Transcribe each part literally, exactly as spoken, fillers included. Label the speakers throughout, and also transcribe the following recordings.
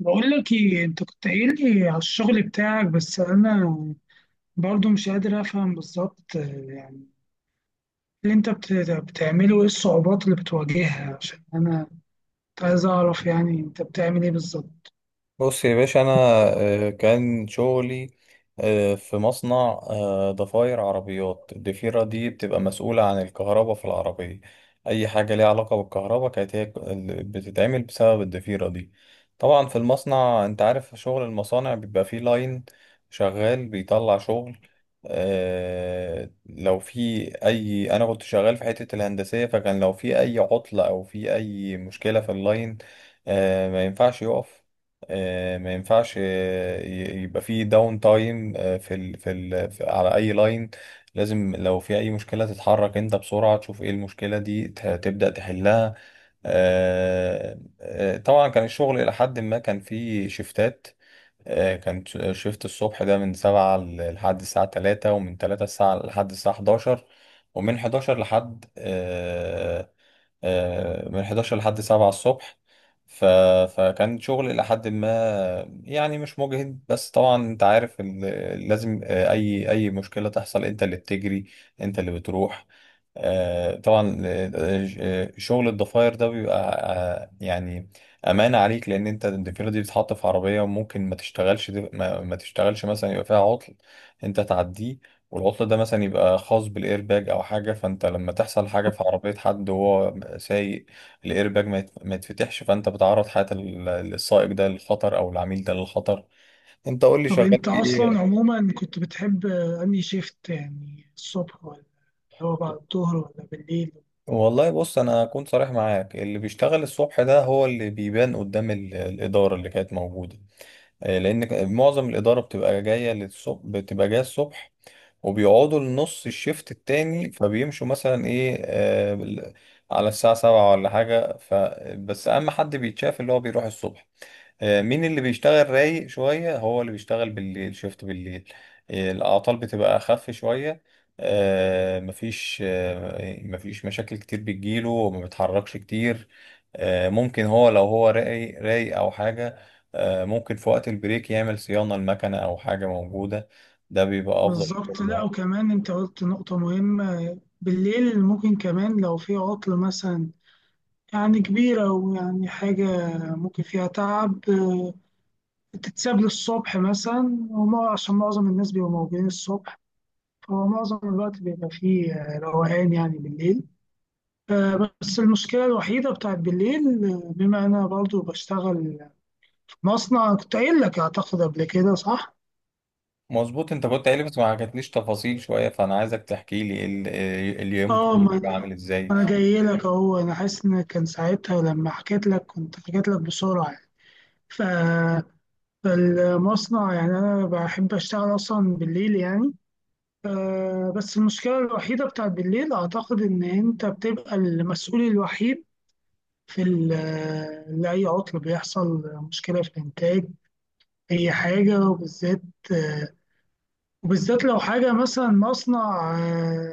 Speaker 1: بقول لك ايه؟ انت كنت قايل لي على الشغل بتاعك، بس انا برضو مش قادر افهم بالظبط. آه، يعني اللي انت بت- بتعمله ايه؟ الصعوبات اللي بتواجهها؟ عشان انا كنت عايز اعرف يعني انت بتعمل ايه بالظبط.
Speaker 2: بص يا باشا، انا آه، كان شغلي آه، في مصنع آه، ضفاير عربيات. الضفيرة دي بتبقى مسؤولة عن الكهرباء في العربية. اي حاجة ليها علاقة بالكهرباء كانت هي ال- بتتعمل بسبب الضفيرة دي. طبعا في المصنع انت عارف شغل المصانع بيبقى فيه لاين شغال بيطلع شغل. آه، لو في اي انا كنت شغال في حتة الهندسية، فكان لو في اي عطلة او في اي مشكلة في اللاين، آه، ما ينفعش يقف، آه، ما ينفعش آه، ي- يبقى في داون تايم في ال في ال في- على اي لاين. لازم لو في اي مشكله تتحرك انت بسرعه، تشوف ايه المشكله دي ت- تبدا تحلها. آه، آه، طبعا كان الشغل الى حد ما كان فيه شيفتات. آه، كان ش- شيفت الصبح ده من سبعة ل- لحد الساعة تلاتة، ومن تلاتة الساعة لحد الساعة حداشر، ومن حداشر لحد آه، آه، من حداشر لحد سبعة الصبح. ف... فكان شغل إلى حد ما، يعني مش مجهد، بس طبعا أنت عارف إن لازم، آه، أي أي مشكلة تحصل أنت اللي بتجري، أنت اللي بتروح. آه، طبعا. آه، آه، شغل الضفاير ده بيبقى آه، يعني أمانة عليك، لأن أنت الضفيرة دي بتتحط في عربية وممكن ما تشتغلش ما, ما تشتغلش مثلا، يبقى فيها عطل أنت تعديه، والعطل ده مثلا يبقى خاص بالايرباج او حاجه. فانت لما تحصل حاجه في عربيه حد وهو سايق الايرباج ما يت- ما يتفتحش، فانت بتعرض حياه ال- السائق ده للخطر، او العميل ده للخطر. انت قول لي
Speaker 1: طب
Speaker 2: شغال
Speaker 1: انت
Speaker 2: في
Speaker 1: اصلا
Speaker 2: ايه؟
Speaker 1: عموما كنت بتحب آه، انهي شيفت؟ يعني الصبح ولا هو بعد الظهر ولا بالليل؟
Speaker 2: والله بص، انا اكون صريح معاك، اللي بيشتغل الصبح ده هو اللي بيبان قدام ال- الاداره اللي كانت موجوده، آه، لان ك- معظم الاداره بتبقى جايه للصبح، بتبقى جايه الصبح، وبيقعدوا لنص الشيفت التاني فبيمشوا مثلا ايه آه بال- على الساعة سبعة ولا حاجة. ف بس أهم حد بيتشاف اللي هو بيروح الصبح. آه مين اللي بيشتغل رايق شوية؟ هو اللي بيشتغل بالليل، شيفت بالليل. آه الأعطال بتبقى أخف شوية. آه مفيش آه مفيش مشاكل كتير بتجيله وما بيتحركش كتير. آه ممكن هو، لو هو رايق رايق أو حاجة، آه ممكن في وقت البريك يعمل صيانة المكنة أو حاجة موجودة. ده بيبقى أفضل.
Speaker 1: بالظبط. لا، وكمان انت قلت نقطة مهمة، بالليل ممكن كمان لو في عطل مثلا يعني كبيرة ويعني حاجة ممكن فيها تعب آه، بتتساب للصبح مثلا، وما عشان معظم الناس بيبقوا موجودين الصبح، فهو معظم الوقت بيبقى فيه آه، روقان يعني بالليل. آه، بس المشكلة الوحيدة بتاعت بالليل، آه، بما أنا برضو بشتغل في مصنع كنت قايل لك أعتقد قبل كده، صح؟
Speaker 2: مظبوط، انت كنت قايل لي بس ما حكيتليش تفاصيل شويه، فانا عايزك تحكي لي ال- ال- إيه اليوم
Speaker 1: اه،
Speaker 2: كله بيبقى
Speaker 1: ما
Speaker 2: عامل ازاي؟
Speaker 1: أنا جاي لك أهو. أنا حاسس إن كان ساعتها لما حكيت لك كنت حكيت لك بسرعة يعني. ف المصنع يعني أنا بحب أشتغل أصلا بالليل يعني. آه، بس المشكلة الوحيدة بتاعت بالليل أعتقد إن أنت بتبقى المسؤول الوحيد في ال- آه، لأي عطل بيحصل، مشكلة في الإنتاج، أي حاجة. وبالذات آه، وبالذات لو حاجة مثلا مصنع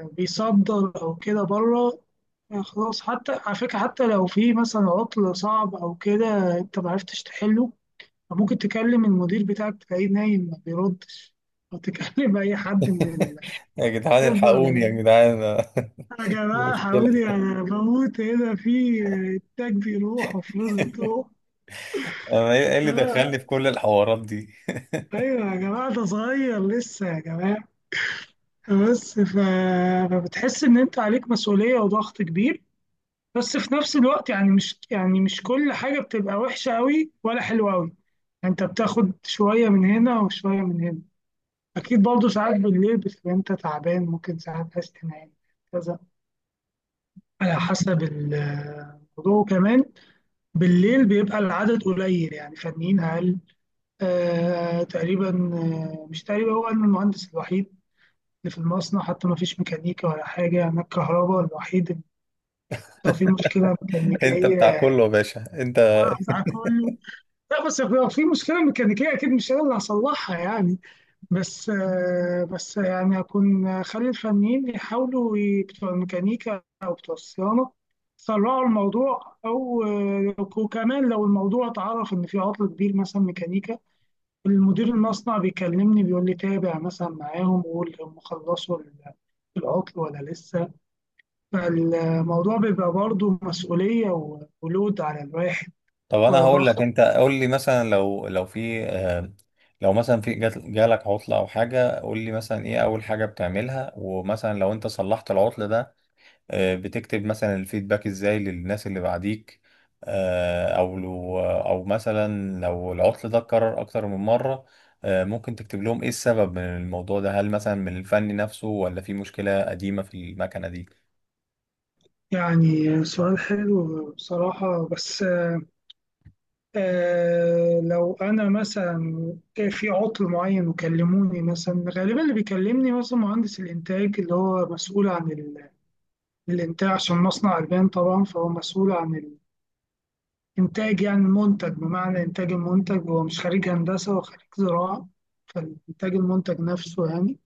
Speaker 1: آه، بيصدر أو كده بره. آه، خلاص، حتى على فكرة، حتى لو في مثلا عطل صعب أو كده أنت معرفتش تحله، فممكن تكلم المدير بتاعك تلاقيه نايم ما بيردش، أو تكلم أي حد من
Speaker 2: يا جدعان الحقوني،
Speaker 1: الخبرة.
Speaker 2: يا جدعان!
Speaker 1: يا
Speaker 2: دي
Speaker 1: جماعة
Speaker 2: مشكله.
Speaker 1: حاولي، يعني أنا بموت هنا، في إنتاج بيروح وفلوس بتروح.
Speaker 2: انا ايه إيه اللي
Speaker 1: آه،
Speaker 2: دخلني في كل الحوارات دي؟
Speaker 1: أيوة يا جماعة، ده صغير لسه يا جماعة. بس ف... فبتحس إن أنت عليك مسؤولية وضغط كبير، بس في نفس الوقت يعني مش، يعني مش كل حاجة بتبقى وحشة أوي ولا حلوة أوي. يعني أنت بتاخد شوية من هنا وشوية من هنا. أكيد برضه ساعات بالليل بتبقى أنت تعبان، ممكن ساعات عايز تنام كذا، على حسب ال- الموضوع. وكمان بالليل بيبقى العدد قليل يعني، فنيين أقل. آه تقريبا. آه، مش تقريبا، هو أنا المهندس الوحيد اللي في المصنع، حتى ما فيش ميكانيكا ولا حاجة، أنا الكهرباء الوحيد اللي لو في مشكلة
Speaker 2: انت بتاع
Speaker 1: ميكانيكية
Speaker 2: كله يا باشا، انت!
Speaker 1: هزعل كله. لا بس لو في مشكلة ميكانيكية أكيد مش أنا اللي هصلحها يعني. بس آه، بس يعني هكون خلي الفنيين يحاولوا ي- بتوع الميكانيكا أو بتوع الصيانة يسرعوا الموضوع. أو آه، وكمان لو الموضوع اتعرف إن في عطل كبير مثلا ميكانيكا، المدير المصنع بيكلمني بيقول لي تابع مثلا معاهم وقول هم خلصوا ال- العطل ولا لسه. فالموضوع بيبقى برضه مسؤولية و- ولود على الواحد
Speaker 2: طب انا هقول لك،
Speaker 1: وضغط.
Speaker 2: انت قول لي مثلا لو لو في آه، لو مثلا في جات- جالك عطله او حاجه، قول لي مثلا ايه اول حاجه بتعملها، ومثلا لو انت صلحت العطل ده، آه، بتكتب مثلا الفيدباك ازاي للناس اللي بعديك؟ آه، او لو او مثلا لو العطل ده اتكرر اكتر من مرة، آه، ممكن تكتب لهم ايه السبب من الموضوع ده؟ هل مثلا من الفني نفسه، ولا في مشكلة قديمة في المكنة دي؟
Speaker 1: يعني سؤال حلو بصراحة. بس آه، لو انا مثلا في عطل معين وكلموني، مثلا غالبا اللي بيكلمني مثلا مهندس الانتاج اللي هو مسؤول عن ال- الانتاج، عشان مصنع البان طبعا، فهو مسؤول عن الانتاج يعني المنتج، بمعنى انتاج المنتج. هو مش خريج هندسه، هو خريج زراعه، فالانتاج المنتج نفسه يعني.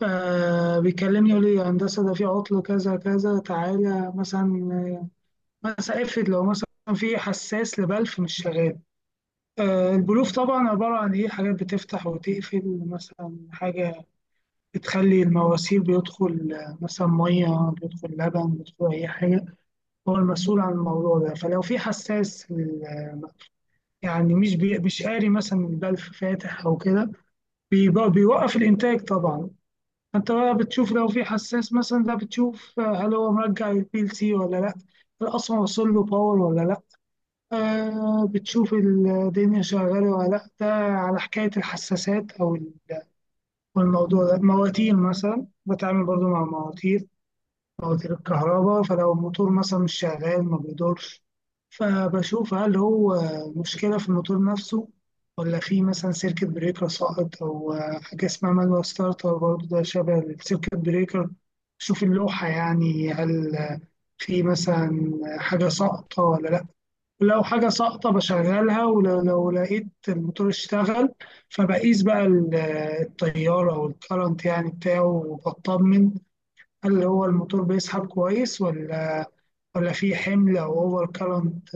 Speaker 1: فبيكلمني يقول لي يا هندسه ده في عطل كذا كذا، تعالى مثلا. مثلا افرض لو مثلا في حساس لبلف مش شغال. آه، البلوف طبعا عبارة عن إيه؟ حاجات بتفتح وتقفل، مثلا حاجة بتخلي المواسير بيدخل آه، مثلا مية، بيدخل لبن، بيدخل أي حاجة. هو المسؤول عن الموضوع ده. فلو في حساس لل- يعني مش بي... مش قاري مثلا البلف فاتح أو كده، بيبقى- بيوقف الإنتاج طبعا. أنت بقى بتشوف لو في حساس مثلا ده، بتشوف آه، هل هو مرجع البي ال سي ولا لأ، هل أصلا وصل له باور ولا لأ. آه، بتشوف الدنيا شغالة ولا لأ، ده على حكاية الحساسات أو ال- والموضوع ده مواتير، مثلا بتعامل برضو مع مواتير، مواتير الكهرباء. فلو الموتور مثلا مش شغال ما بيدورش، فبشوف هل هو مشكلة في الموتور نفسه، ولا في مثلا سيركت بريكر ساقط، أو آه، حاجة اسمها مانوال ستارتر برضو ده شبه السيركت بريكر. شوف اللوحة يعني، هل في مثلا حاجة ساقطة ولا لأ. ولو حاجة ساقطة بشغلها، ولو لو لقيت الموتور اشتغل، فبقيس بقى ال- التيار أو الكرنت يعني بتاعه، وبطمن هل هو الموتور بيسحب كويس، ولا ولا في حمل أو أوفر كرنت،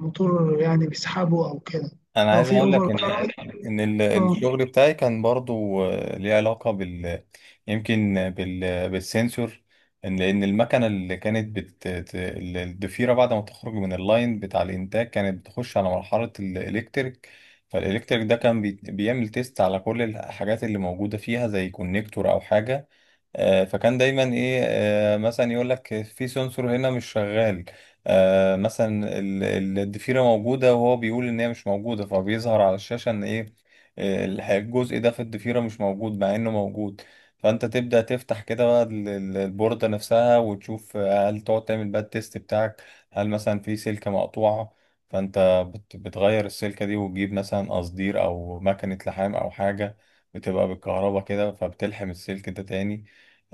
Speaker 1: موتور يعني بيسحبه أو كده.
Speaker 2: انا
Speaker 1: لو
Speaker 2: عايز
Speaker 1: في
Speaker 2: اقول
Speaker 1: أوفر
Speaker 2: لك ان
Speaker 1: كرنت.
Speaker 2: ان ال-
Speaker 1: اه،
Speaker 2: الشغل بتاعي كان برضو آه، ليه علاقه بال يمكن بال بالسنسور إن- لان المكنه اللي كانت بت ت- ال- الضفيره بعد ما تخرج من اللاين بتاع الانتاج كانت بتخش على مرحله الالكتريك. فالالكتريك ده كان بي- بيعمل تيست على كل الحاجات اللي موجوده فيها، زي كونكتور او حاجه. آه، فكان دايما ايه، آه، مثلا يقول لك في سنسور هنا مش شغال. آه، مثلا ال- ال- الضفيره موجوده وهو بيقول ان هي مش موجوده، فبيظهر على الشاشه ان ايه، آه، الح- الجزء ده في الضفيره مش موجود مع انه موجود. فانت تبدا تفتح كده بقى ال- ال- البورده نفسها وتشوف آه، هل تقعد تعمل بقى التيست بتاعك، هل مثلا في سلكه مقطوعه؟ فانت بت- بتغير السلكه دي، وتجيب مثلا قصدير او مكنه لحام او حاجه بتبقى بالكهرباء كده، فبتلحم السلك ده تاني.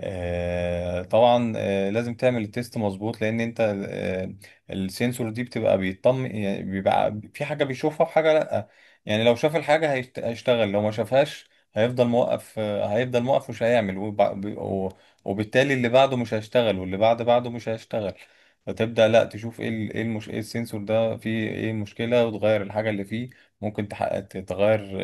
Speaker 2: آه، طبعا آه، لازم تعمل التيست مظبوط، لان انت آه، السنسور دي بتبقى بيطمن، يعني بيبقى في حاجه بيشوفها وحاجه لا. يعني لو شاف الحاجه هيشت- هيشتغل، لو ما شافهاش هيفضل موقف آه، هيفضل موقف مش هيعمل، وب- و- وبالتالي اللي بعده مش هيشتغل واللي بعد بعده مش هيشتغل. فتبدأ لا تشوف ايه ال- ايه المش... ايه السensor ده فيه ايه المشكلة، وتغير الحاجة اللي فيه. ممكن تحقق تغير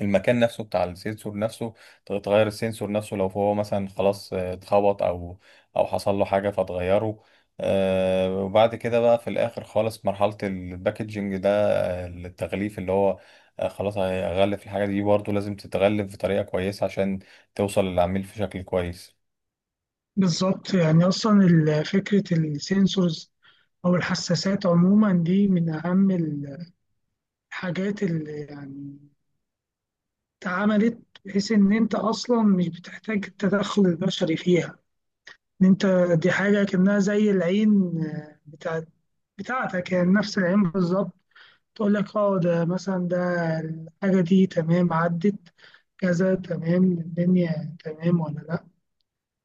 Speaker 2: المكان نفسه بتاع السنسور نفسه، ت- تغير السنسور نفسه لو هو مثلا خلاص آه، اتخبط او او حصل له حاجه فتغيره. آه، وبعد كده بقى في الاخر خالص مرحله الباكجينج ده، آه، التغليف اللي هو آه، خلاص هيغلف الحاجه دي. برضه لازم تتغلف بطريقه كويسه عشان توصل للعميل في شكل كويس.
Speaker 1: بالظبط. يعني أصلا ال- فكرة السنسورز أو الحساسات عموما دي من أهم الحاجات اللي يعني اتعملت، بحيث ان انت اصلا مش بتحتاج التدخل البشري فيها. ان انت دي حاجه كانها زي العين، آه، بتاع بتاعتك يعني، نفس العين بالظبط، تقول لك اه ده مثلا، ده الحاجه دي تمام، عدت كذا تمام، الدنيا تمام ولا لا.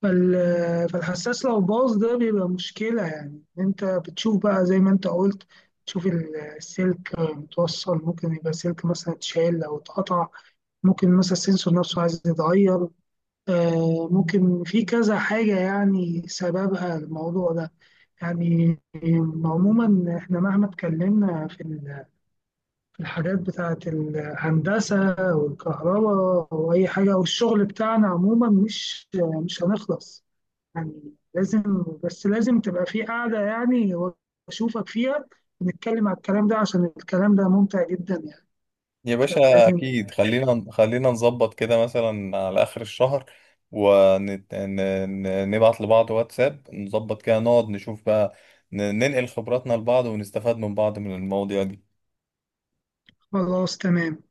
Speaker 1: فال- فالحساس لو باظ ده بيبقى مشكله، يعني إن انت بتشوف بقى زي ما انت قلت، تشوف ال- السلك متوصل، ممكن يبقى سلك مثلا اتشال او اتقطع، ممكن مثلا السنسور نفسه عايز يتغير. آه، ممكن في كذا حاجة يعني سببها الموضوع ده يعني. عموما احنا مهما اتكلمنا في ال- في الحاجات بتاعة الهندسة والكهرباء وأي حاجة والشغل بتاعنا عموما، مش مش هنخلص يعني. لازم، بس لازم تبقى في قاعدة يعني وأشوفك فيها ونتكلم على الكلام ده، عشان الكلام ده ممتع جدا يعني،
Speaker 2: يا باشا
Speaker 1: فلازم.
Speaker 2: اكيد، خلينا خلينا نظبط كده مثلا على اخر الشهر، ونبعت لبعض واتساب، نظبط كده نقعد نشوف بقى، ن- ننقل خبراتنا لبعض ونستفاد من بعض من المواضيع دي.
Speaker 1: خلاص تمام.